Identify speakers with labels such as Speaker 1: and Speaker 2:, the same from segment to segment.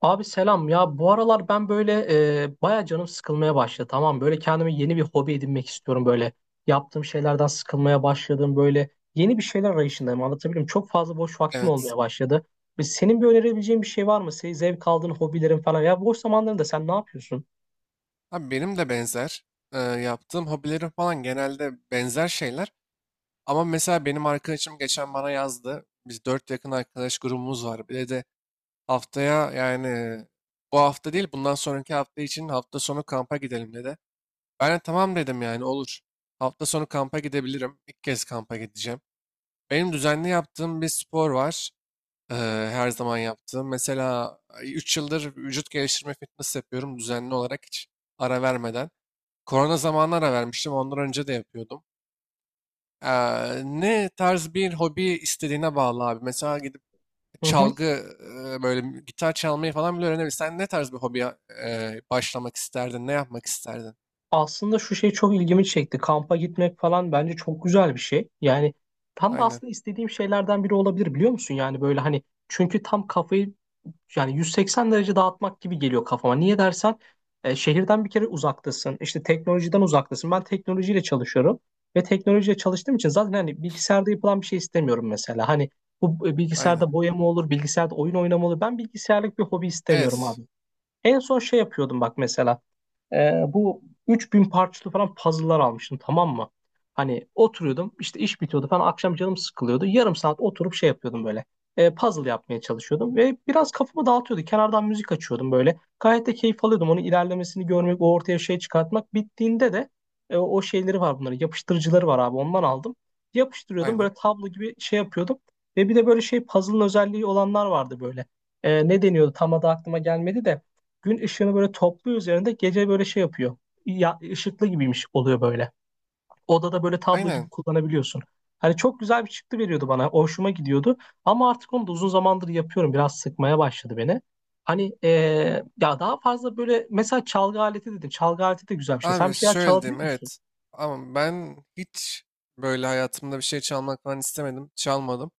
Speaker 1: Abi selam ya, bu aralar ben böyle baya canım sıkılmaya başladı, tamam mı? Böyle kendime yeni bir hobi edinmek istiyorum, böyle yaptığım şeylerden sıkılmaya başladım, böyle yeni bir şeyler arayışındayım, anlatabilirim. Çok fazla boş vaktim
Speaker 2: Evet.
Speaker 1: olmaya başladı. Senin bir önerebileceğin bir şey var mı? Senin zevk aldığın hobilerin falan, ya boş zamanlarında sen ne yapıyorsun?
Speaker 2: Abi benim de benzer. Yaptığım hobilerim falan genelde benzer şeyler. Ama mesela benim arkadaşım geçen bana yazdı. Biz dört yakın arkadaş grubumuz var. Bir de haftaya yani bu hafta değil bundan sonraki hafta için hafta sonu kampa gidelim dedi. Ben de tamam dedim yani olur. Hafta sonu kampa gidebilirim. İlk kez kampa gideceğim. Benim düzenli yaptığım bir spor var. Ee, her zaman yaptığım. Mesela 3 yıldır vücut geliştirme fitness yapıyorum düzenli olarak hiç ara vermeden. Korona zamanlara vermiştim. Ondan önce de yapıyordum. Ne tarz bir hobi istediğine bağlı abi. Mesela gidip
Speaker 1: Hı hı.
Speaker 2: çalgı böyle gitar çalmayı falan bile öğrenebilirsin. Sen ne tarz bir hobiye başlamak isterdin? Ne yapmak isterdin?
Speaker 1: Aslında şu şey çok ilgimi çekti, kampa gitmek falan bence çok güzel bir şey yani, tam da
Speaker 2: Aynen.
Speaker 1: aslında istediğim şeylerden biri olabilir, biliyor musun? Yani böyle, hani, çünkü tam kafayı, yani 180 derece dağıtmak gibi geliyor kafama. Niye dersen, şehirden bir kere uzaktasın. İşte teknolojiden uzaktasın. Ben teknolojiyle çalışıyorum ve teknolojiyle çalıştığım için zaten hani bilgisayarda yapılan bir şey istemiyorum mesela. Hani bu
Speaker 2: Aynen.
Speaker 1: bilgisayarda boyama olur, bilgisayarda oyun oynama olur. Ben bilgisayarlık bir hobi istemiyorum
Speaker 2: Evet.
Speaker 1: abi. En son şey yapıyordum, bak mesela. Bu 3.000 parçalı falan puzzle'lar almıştım, tamam mı? Hani oturuyordum, işte iş bitiyordu falan, akşam canım sıkılıyordu. Yarım saat oturup şey yapıyordum böyle. Puzzle yapmaya çalışıyordum ve biraz kafamı dağıtıyordu. Kenardan müzik açıyordum böyle. Gayet de keyif alıyordum. Onun ilerlemesini görmek, o ortaya şey çıkartmak. Bittiğinde de o şeyleri var bunların. Yapıştırıcıları var abi, ondan aldım. Yapıştırıyordum,
Speaker 2: Aynen.
Speaker 1: böyle tablo gibi şey yapıyordum. Ve bir de böyle şey, puzzle'ın özelliği olanlar vardı böyle. Ne deniyordu, tam adı aklıma gelmedi de gün ışığını böyle topluyor üzerinde, gece böyle şey yapıyor. Ya, ışıklı gibiymiş oluyor böyle. Odada böyle tablo gibi
Speaker 2: Aynen.
Speaker 1: kullanabiliyorsun. Hani çok güzel bir çıktı veriyordu bana. Hoşuma gidiyordu. Ama artık onu da uzun zamandır yapıyorum, biraz sıkmaya başladı beni. Hani ya daha fazla böyle, mesela çalgı aleti dedim. Çalgı aleti de güzel bir şey. Sen
Speaker 2: Abi
Speaker 1: bir şeyler
Speaker 2: şöyle diyeyim
Speaker 1: çalabiliyor musun?
Speaker 2: evet. Ama ben hiç böyle hayatımda bir şey çalmak falan istemedim. Çalmadım.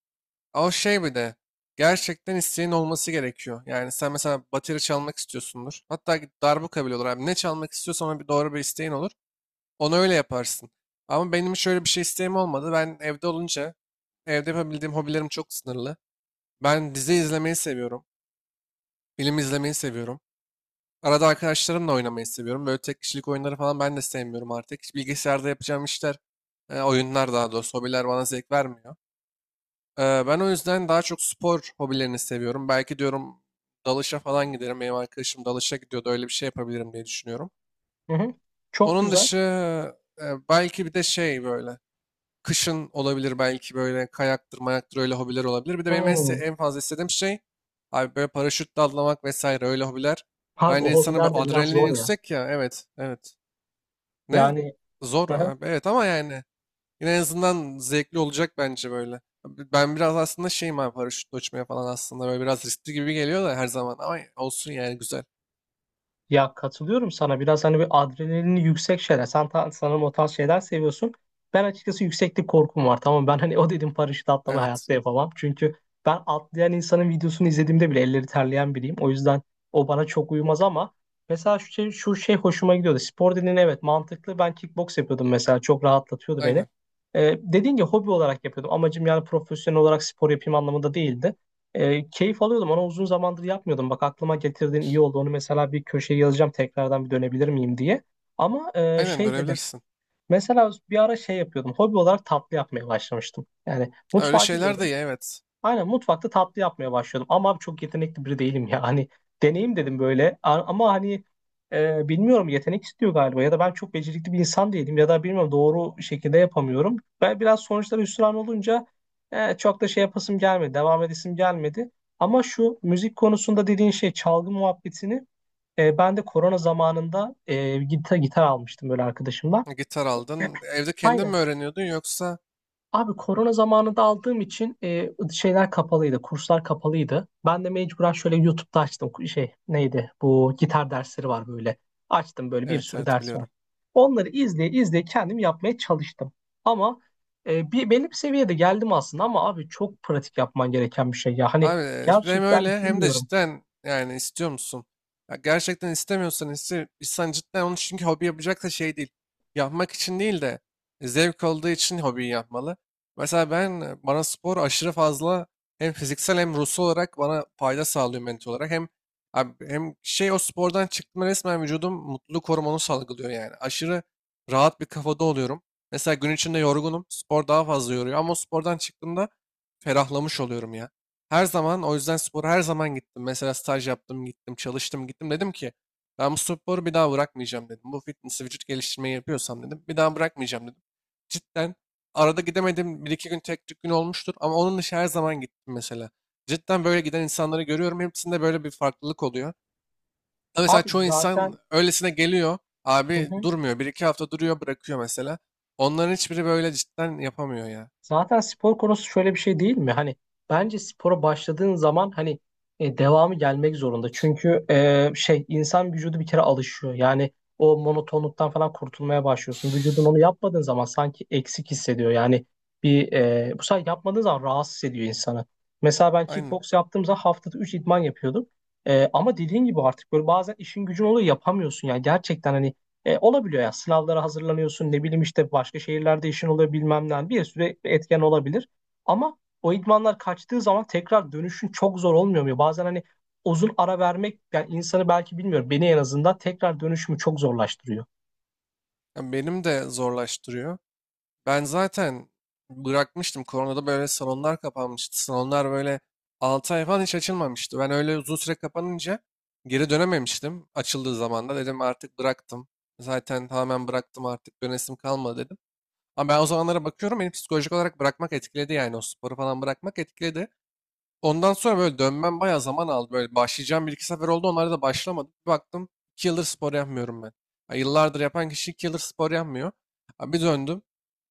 Speaker 2: O şey bir de gerçekten isteğin olması gerekiyor. Yani sen mesela bateri çalmak istiyorsundur. Hatta git darbuka bile olur abi. Ne çalmak istiyorsan ona bir doğru bir isteğin olur. Onu öyle yaparsın. Ama benim şöyle bir şey isteğim olmadı. Ben evde olunca evde yapabildiğim hobilerim çok sınırlı. Ben dizi izlemeyi seviyorum. Film izlemeyi seviyorum. Arada arkadaşlarımla oynamayı seviyorum. Böyle tek kişilik oyunları falan ben de sevmiyorum artık. Hiç bilgisayarda yapacağım işler, oyunlar daha doğrusu hobiler bana zevk vermiyor. Ben o yüzden daha çok spor hobilerini seviyorum. Belki diyorum dalışa falan giderim. Benim arkadaşım dalışa gidiyordu. Öyle bir şey yapabilirim diye düşünüyorum.
Speaker 1: Hı hı. Çok
Speaker 2: Onun
Speaker 1: güzel.
Speaker 2: dışı belki bir de şey böyle kışın olabilir belki böyle kayaktır, mayaktır öyle hobiler olabilir. Bir de benim en, se-
Speaker 1: Hmm.
Speaker 2: en fazla istediğim şey abi böyle paraşütle atlamak vesaire öyle hobiler.
Speaker 1: Abi o
Speaker 2: Bence insanın bir
Speaker 1: hobiler de biraz
Speaker 2: adrenalin
Speaker 1: zor ya.
Speaker 2: yüksek ya. Evet, evet. Ne?
Speaker 1: Yani
Speaker 2: Zor abi. Evet ama yani yine en azından zevkli olacak bence böyle. Ben biraz aslında şeyim abi paraşütle uçmaya falan aslında böyle biraz riskli gibi geliyor da her zaman ama olsun yani güzel.
Speaker 1: ya, katılıyorum sana. Biraz hani bir adrenalini yüksek şeyler. Sen sanırım o tarz şeyler seviyorsun. Ben açıkçası yükseklik korkum var. Tamam, ben hani o dedim, paraşüt atlama
Speaker 2: Evet.
Speaker 1: hayatta yapamam. Çünkü ben atlayan insanın videosunu izlediğimde bile elleri terleyen biriyim. O yüzden o bana çok uyumaz ama mesela şu şey hoşuma gidiyordu. Spor dediğin, evet, mantıklı. Ben kickbox yapıyordum mesela. Çok rahatlatıyordu beni.
Speaker 2: Aynen.
Speaker 1: Dediğin gibi hobi olarak yapıyordum. Amacım yani profesyonel olarak spor yapayım anlamında değildi. Keyif alıyordum. Onu uzun zamandır yapmıyordum. Bak, aklıma getirdiğin iyi oldu. Onu mesela bir köşeye yazacağım, tekrardan bir dönebilir miyim diye. Ama
Speaker 2: Aynen
Speaker 1: şey dedin.
Speaker 2: dönebilirsin.
Speaker 1: Mesela bir ara şey yapıyordum. Hobi olarak tatlı yapmaya başlamıştım. Yani
Speaker 2: Ha, öyle
Speaker 1: mutfağa
Speaker 2: şeyler de
Speaker 1: giriyordum.
Speaker 2: iyi evet.
Speaker 1: Aynen, mutfakta tatlı yapmaya başladım. Ama abi çok yetenekli biri değilim ya. Hani deneyim dedim böyle. Ama hani, bilmiyorum, yetenek istiyor galiba. Ya da ben çok becerikli bir insan değilim. Ya da bilmiyorum, doğru şekilde yapamıyorum. Ben biraz sonuçlara hüsran olunca çok da şey yapasım gelmedi. Devam edesim gelmedi. Ama şu müzik konusunda dediğin şey, çalgı muhabbetini, ben de korona zamanında gitar almıştım böyle arkadaşımla.
Speaker 2: Gitar aldın. Evde kendin
Speaker 1: Aynen.
Speaker 2: mi öğreniyordun yoksa?
Speaker 1: Abi korona zamanında aldığım için şeyler kapalıydı, kurslar kapalıydı. Ben de mecburen şöyle YouTube'da açtım, şey neydi, bu gitar dersleri var böyle. Açtım, böyle bir
Speaker 2: Evet,
Speaker 1: sürü
Speaker 2: evet,
Speaker 1: ders var.
Speaker 2: biliyorum.
Speaker 1: Onları izleye izleye kendim yapmaya çalıştım. Ama bir belli bir seviyede geldim aslında, ama abi çok pratik yapman gereken bir şey ya. Hani
Speaker 2: Abi hem
Speaker 1: gerçekten
Speaker 2: öyle hem de
Speaker 1: bilmiyorum.
Speaker 2: cidden yani istiyor musun? Ya gerçekten istemiyorsan iste, insan cidden onu çünkü hobi yapacak da şey değil. Yapmak için değil de zevk olduğu için hobiyi yapmalı. Mesela ben bana spor aşırı fazla hem fiziksel hem ruhsal olarak bana fayda sağlıyor mental olarak. Hem abi, hem şey o spordan çıktığımda resmen vücudum mutluluk hormonu salgılıyor yani. Aşırı rahat bir kafada oluyorum. Mesela gün içinde yorgunum. Spor daha fazla yoruyor ama o spordan çıktığımda ferahlamış oluyorum ya. Her zaman o yüzden spora her zaman gittim. Mesela staj yaptım, gittim, çalıştım, gittim. Dedim ki ben bu sporu bir daha bırakmayacağım dedim. Bu fitness vücut geliştirmeyi yapıyorsam dedim. Bir daha bırakmayacağım dedim. Cidden arada gidemedim. Bir iki gün tek tük gün olmuştur. Ama onun dışı her zaman gittim mesela. Cidden böyle giden insanları görüyorum. Hepsinde böyle bir farklılık oluyor. Ama mesela
Speaker 1: Abi
Speaker 2: çoğu
Speaker 1: zaten
Speaker 2: insan öylesine geliyor. Abi durmuyor. Bir iki hafta duruyor bırakıyor mesela. Onların hiçbiri böyle cidden yapamıyor ya.
Speaker 1: zaten spor konusu şöyle bir şey değil mi? Hani bence spora başladığın zaman hani devamı gelmek zorunda. Çünkü şey, insan vücudu bir kere alışıyor. Yani o monotonluktan falan kurtulmaya başlıyorsun. Vücudun onu yapmadığın zaman sanki eksik hissediyor. Yani bu sefer yapmadığın zaman rahatsız ediyor insanı. Mesela ben
Speaker 2: Aynen.
Speaker 1: kickbox yaptığım zaman haftada 3 idman yapıyordum. Ama dediğin gibi artık böyle bazen işin gücün oluyor, yapamıyorsun. Yani gerçekten hani olabiliyor yani, sınavlara hazırlanıyorsun, ne bileyim işte başka şehirlerde işin oluyor, bilmem ne, bir sürü etken olabilir. Ama o idmanlar kaçtığı zaman tekrar dönüşün çok zor olmuyor mu? Bazen hani uzun ara vermek yani insanı, belki bilmiyorum, beni en azından tekrar dönüşümü çok zorlaştırıyor.
Speaker 2: Ya benim de zorlaştırıyor. Ben zaten bırakmıştım. Koronada böyle salonlar kapanmıştı. Salonlar böyle 6 ay falan hiç açılmamıştı. Ben öyle uzun süre kapanınca geri dönememiştim. Açıldığı zaman da dedim artık bıraktım. Zaten tamamen bıraktım artık dönesim kalmadı dedim. Ama ben o zamanlara bakıyorum beni psikolojik olarak bırakmak etkiledi yani o sporu falan bırakmak etkiledi. Ondan sonra böyle dönmem bayağı zaman aldı. Böyle başlayacağım bir iki sefer oldu. Onlara da başlamadım. Bir baktım 2 yıldır spor yapmıyorum ben. Ya yıllardır yapan kişi 2 yıldır spor yapmıyor. Abi bir döndüm.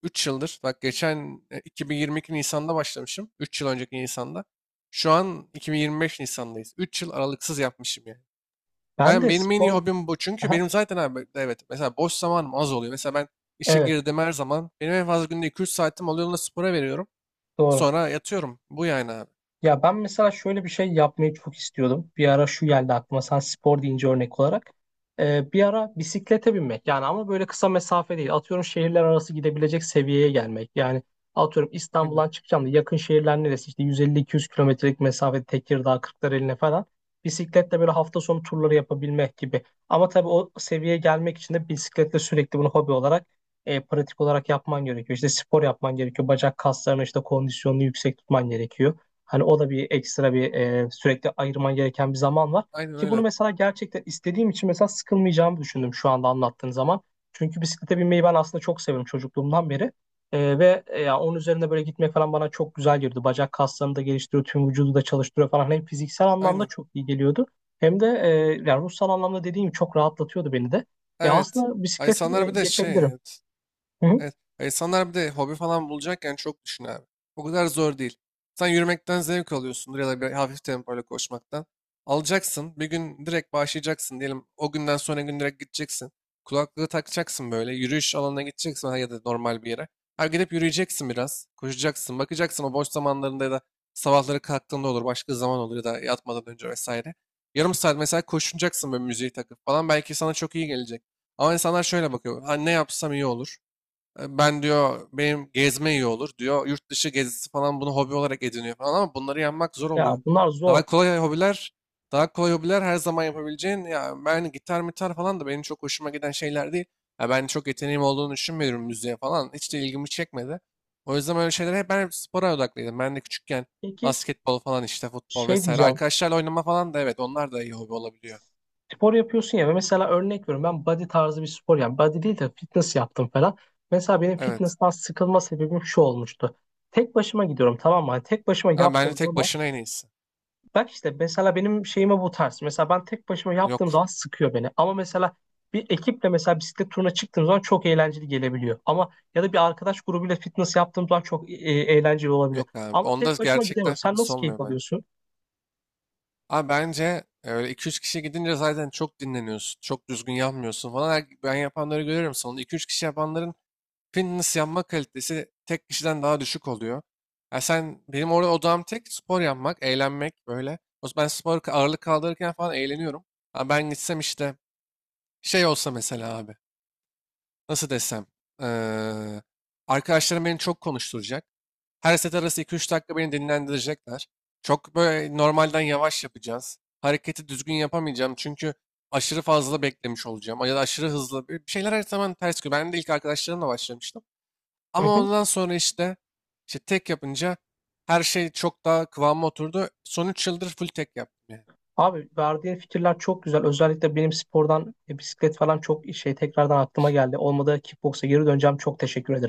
Speaker 2: 3 yıldır. Bak geçen 2022 Nisan'da başlamışım. Üç yıl önceki Nisan'da. Şu an 2025 Nisan'dayız. 3 yıl aralıksız yapmışım yani.
Speaker 1: Ben
Speaker 2: Ben
Speaker 1: de
Speaker 2: benim en iyi
Speaker 1: spor.
Speaker 2: hobim bu. Çünkü
Speaker 1: Aha,
Speaker 2: benim zaten abi evet mesela boş zamanım az oluyor. Mesela ben işe
Speaker 1: evet,
Speaker 2: girdim her zaman. Benim en fazla günde 2-3 saatim oluyor. Onu da spora veriyorum.
Speaker 1: doğru.
Speaker 2: Sonra yatıyorum. Bu yani abi.
Speaker 1: Ya, ben mesela şöyle bir şey yapmayı çok istiyordum. Bir ara şu geldi aklıma sen spor deyince, örnek olarak. Bir ara bisiklete binmek, yani ama böyle kısa mesafe değil. Atıyorum şehirler arası gidebilecek seviyeye gelmek. Yani atıyorum,
Speaker 2: Aynen.
Speaker 1: İstanbul'dan çıkacağım da yakın şehirler neresi, işte 150-200 kilometrelik mesafe, Tekirdağ, Kırklareli'ne falan. Bisikletle böyle hafta sonu turları yapabilmek gibi. Ama tabii o seviyeye gelmek için de bisikletle sürekli bunu hobi olarak, pratik olarak yapman gerekiyor. İşte spor yapman gerekiyor. Bacak kaslarını, işte kondisyonunu yüksek tutman gerekiyor. Hani o da bir ekstra, sürekli ayırman gereken bir zaman var.
Speaker 2: Aynen
Speaker 1: Ki bunu
Speaker 2: öyle.
Speaker 1: mesela gerçekten istediğim için mesela sıkılmayacağımı düşündüm şu anda anlattığın zaman. Çünkü bisiklete binmeyi ben aslında çok seviyorum çocukluğumdan beri. Ve ya onun üzerinde böyle gitmek falan bana çok güzel geliyordu. Bacak kaslarını da geliştiriyor, tüm vücudu da çalıştırıyor falan. Hem fiziksel anlamda
Speaker 2: Aynen.
Speaker 1: çok iyi geliyordu. Hem de yani ruhsal anlamda, dediğim gibi, çok rahatlatıyordu beni de.
Speaker 2: Evet.
Speaker 1: Aslında
Speaker 2: Ay
Speaker 1: bisikleti
Speaker 2: insanlar bir de şey,
Speaker 1: geçebilirim.
Speaker 2: evet,
Speaker 1: Hı hı.
Speaker 2: evet. Ya İnsanlar bir de hobi falan bulacakken çok düşün abi. O kadar zor değil. Sen yürümekten zevk alıyorsundur ya da bir hafif tempoyla koşmaktan. Alacaksın. Bir gün direkt başlayacaksın diyelim. O günden sonra gün direkt gideceksin. Kulaklığı takacaksın böyle. Yürüyüş alanına gideceksin ha ya da normal bir yere. Ha gidip yürüyeceksin biraz. Koşacaksın. Bakacaksın o boş zamanlarında ya da sabahları kalktığında olur. Başka zaman olur ya da yatmadan önce vesaire. Yarım saat mesela koşunacaksın böyle müziği takıp falan. Belki sana çok iyi gelecek. Ama insanlar şöyle bakıyor. Ha, ne yapsam iyi olur. E, ben diyor benim gezme iyi olur diyor. Yurt dışı gezisi falan bunu hobi olarak ediniyor falan ama bunları yapmak zor
Speaker 1: Ya,
Speaker 2: oluyor.
Speaker 1: bunlar zor.
Speaker 2: Daha kolay hobiler, daha kolay hobiler her zaman yapabileceğin ya ben gitar mitar falan da benim çok hoşuma giden şeyler değil. Ya ben çok yeteneğim olduğunu düşünmüyorum müziğe falan. Hiç de ilgimi çekmedi. O yüzden öyle şeylere hep ben hep spora odaklıydım. Ben de küçükken
Speaker 1: Peki,
Speaker 2: basketbol falan işte futbol
Speaker 1: şey
Speaker 2: vesaire.
Speaker 1: diyeceğim,
Speaker 2: Arkadaşlarla oynama falan da evet onlar da iyi hobi olabiliyor.
Speaker 1: spor yapıyorsun ya, ve mesela örnek veriyorum, ben body tarzı bir spor, yani body değil de fitness yaptım falan. Mesela benim
Speaker 2: Evet.
Speaker 1: fitness'tan sıkılma sebebim şu olmuştu. Tek başıma gidiyorum, tamam mı? Hani tek başıma
Speaker 2: Ama bence
Speaker 1: yaptığım
Speaker 2: tek
Speaker 1: zaman,
Speaker 2: başına en iyisi.
Speaker 1: bak işte mesela benim şeyime bu tarz. Mesela ben tek başıma yaptığım
Speaker 2: Yok.
Speaker 1: zaman sıkıyor beni. Ama mesela bir ekiple mesela bisiklet turuna çıktığım zaman çok eğlenceli gelebiliyor. Ama ya da bir arkadaş grubuyla fitness yaptığım zaman çok eğlenceli olabiliyor.
Speaker 2: Yok abi.
Speaker 1: Ama
Speaker 2: Onda
Speaker 1: tek başıma gidemiyorum.
Speaker 2: gerçekten
Speaker 1: Sen
Speaker 2: fitness
Speaker 1: nasıl keyif
Speaker 2: olmuyor bence.
Speaker 1: alıyorsun?
Speaker 2: Abi bence öyle iki üç kişi gidince zaten çok dinleniyorsun. Çok düzgün yanmıyorsun falan. Ben yapanları görüyorum. Sonunda iki üç kişi yapanların fitness yanma kalitesi tek kişiden daha düşük oluyor. Ya sen benim orada odam tek spor yapmak, eğlenmek böyle. O ben spor ağırlık kaldırırken falan eğleniyorum. Ama ben gitsem işte şey olsa mesela abi. Nasıl desem. eee, arkadaşlarım beni çok konuşturacak. Her set arası iki üç dakika beni dinlendirecekler. Çok böyle normalden yavaş yapacağız. Hareketi düzgün yapamayacağım çünkü aşırı fazla beklemiş olacağım. Ya da aşırı hızlı. Bir şeyler her zaman ters gidiyor. Ben de ilk arkadaşlarımla başlamıştım.
Speaker 1: Hı
Speaker 2: Ama
Speaker 1: hı.
Speaker 2: ondan sonra işte, işte tek yapınca her şey çok daha kıvama oturdu. Son 3 yıldır full tek yaptım yani.
Speaker 1: Abi, verdiğin fikirler çok güzel. Özellikle benim spordan, bisiklet falan çok şey tekrardan aklıma geldi. Olmadı kickboksa geri döneceğim. Çok teşekkür ederim.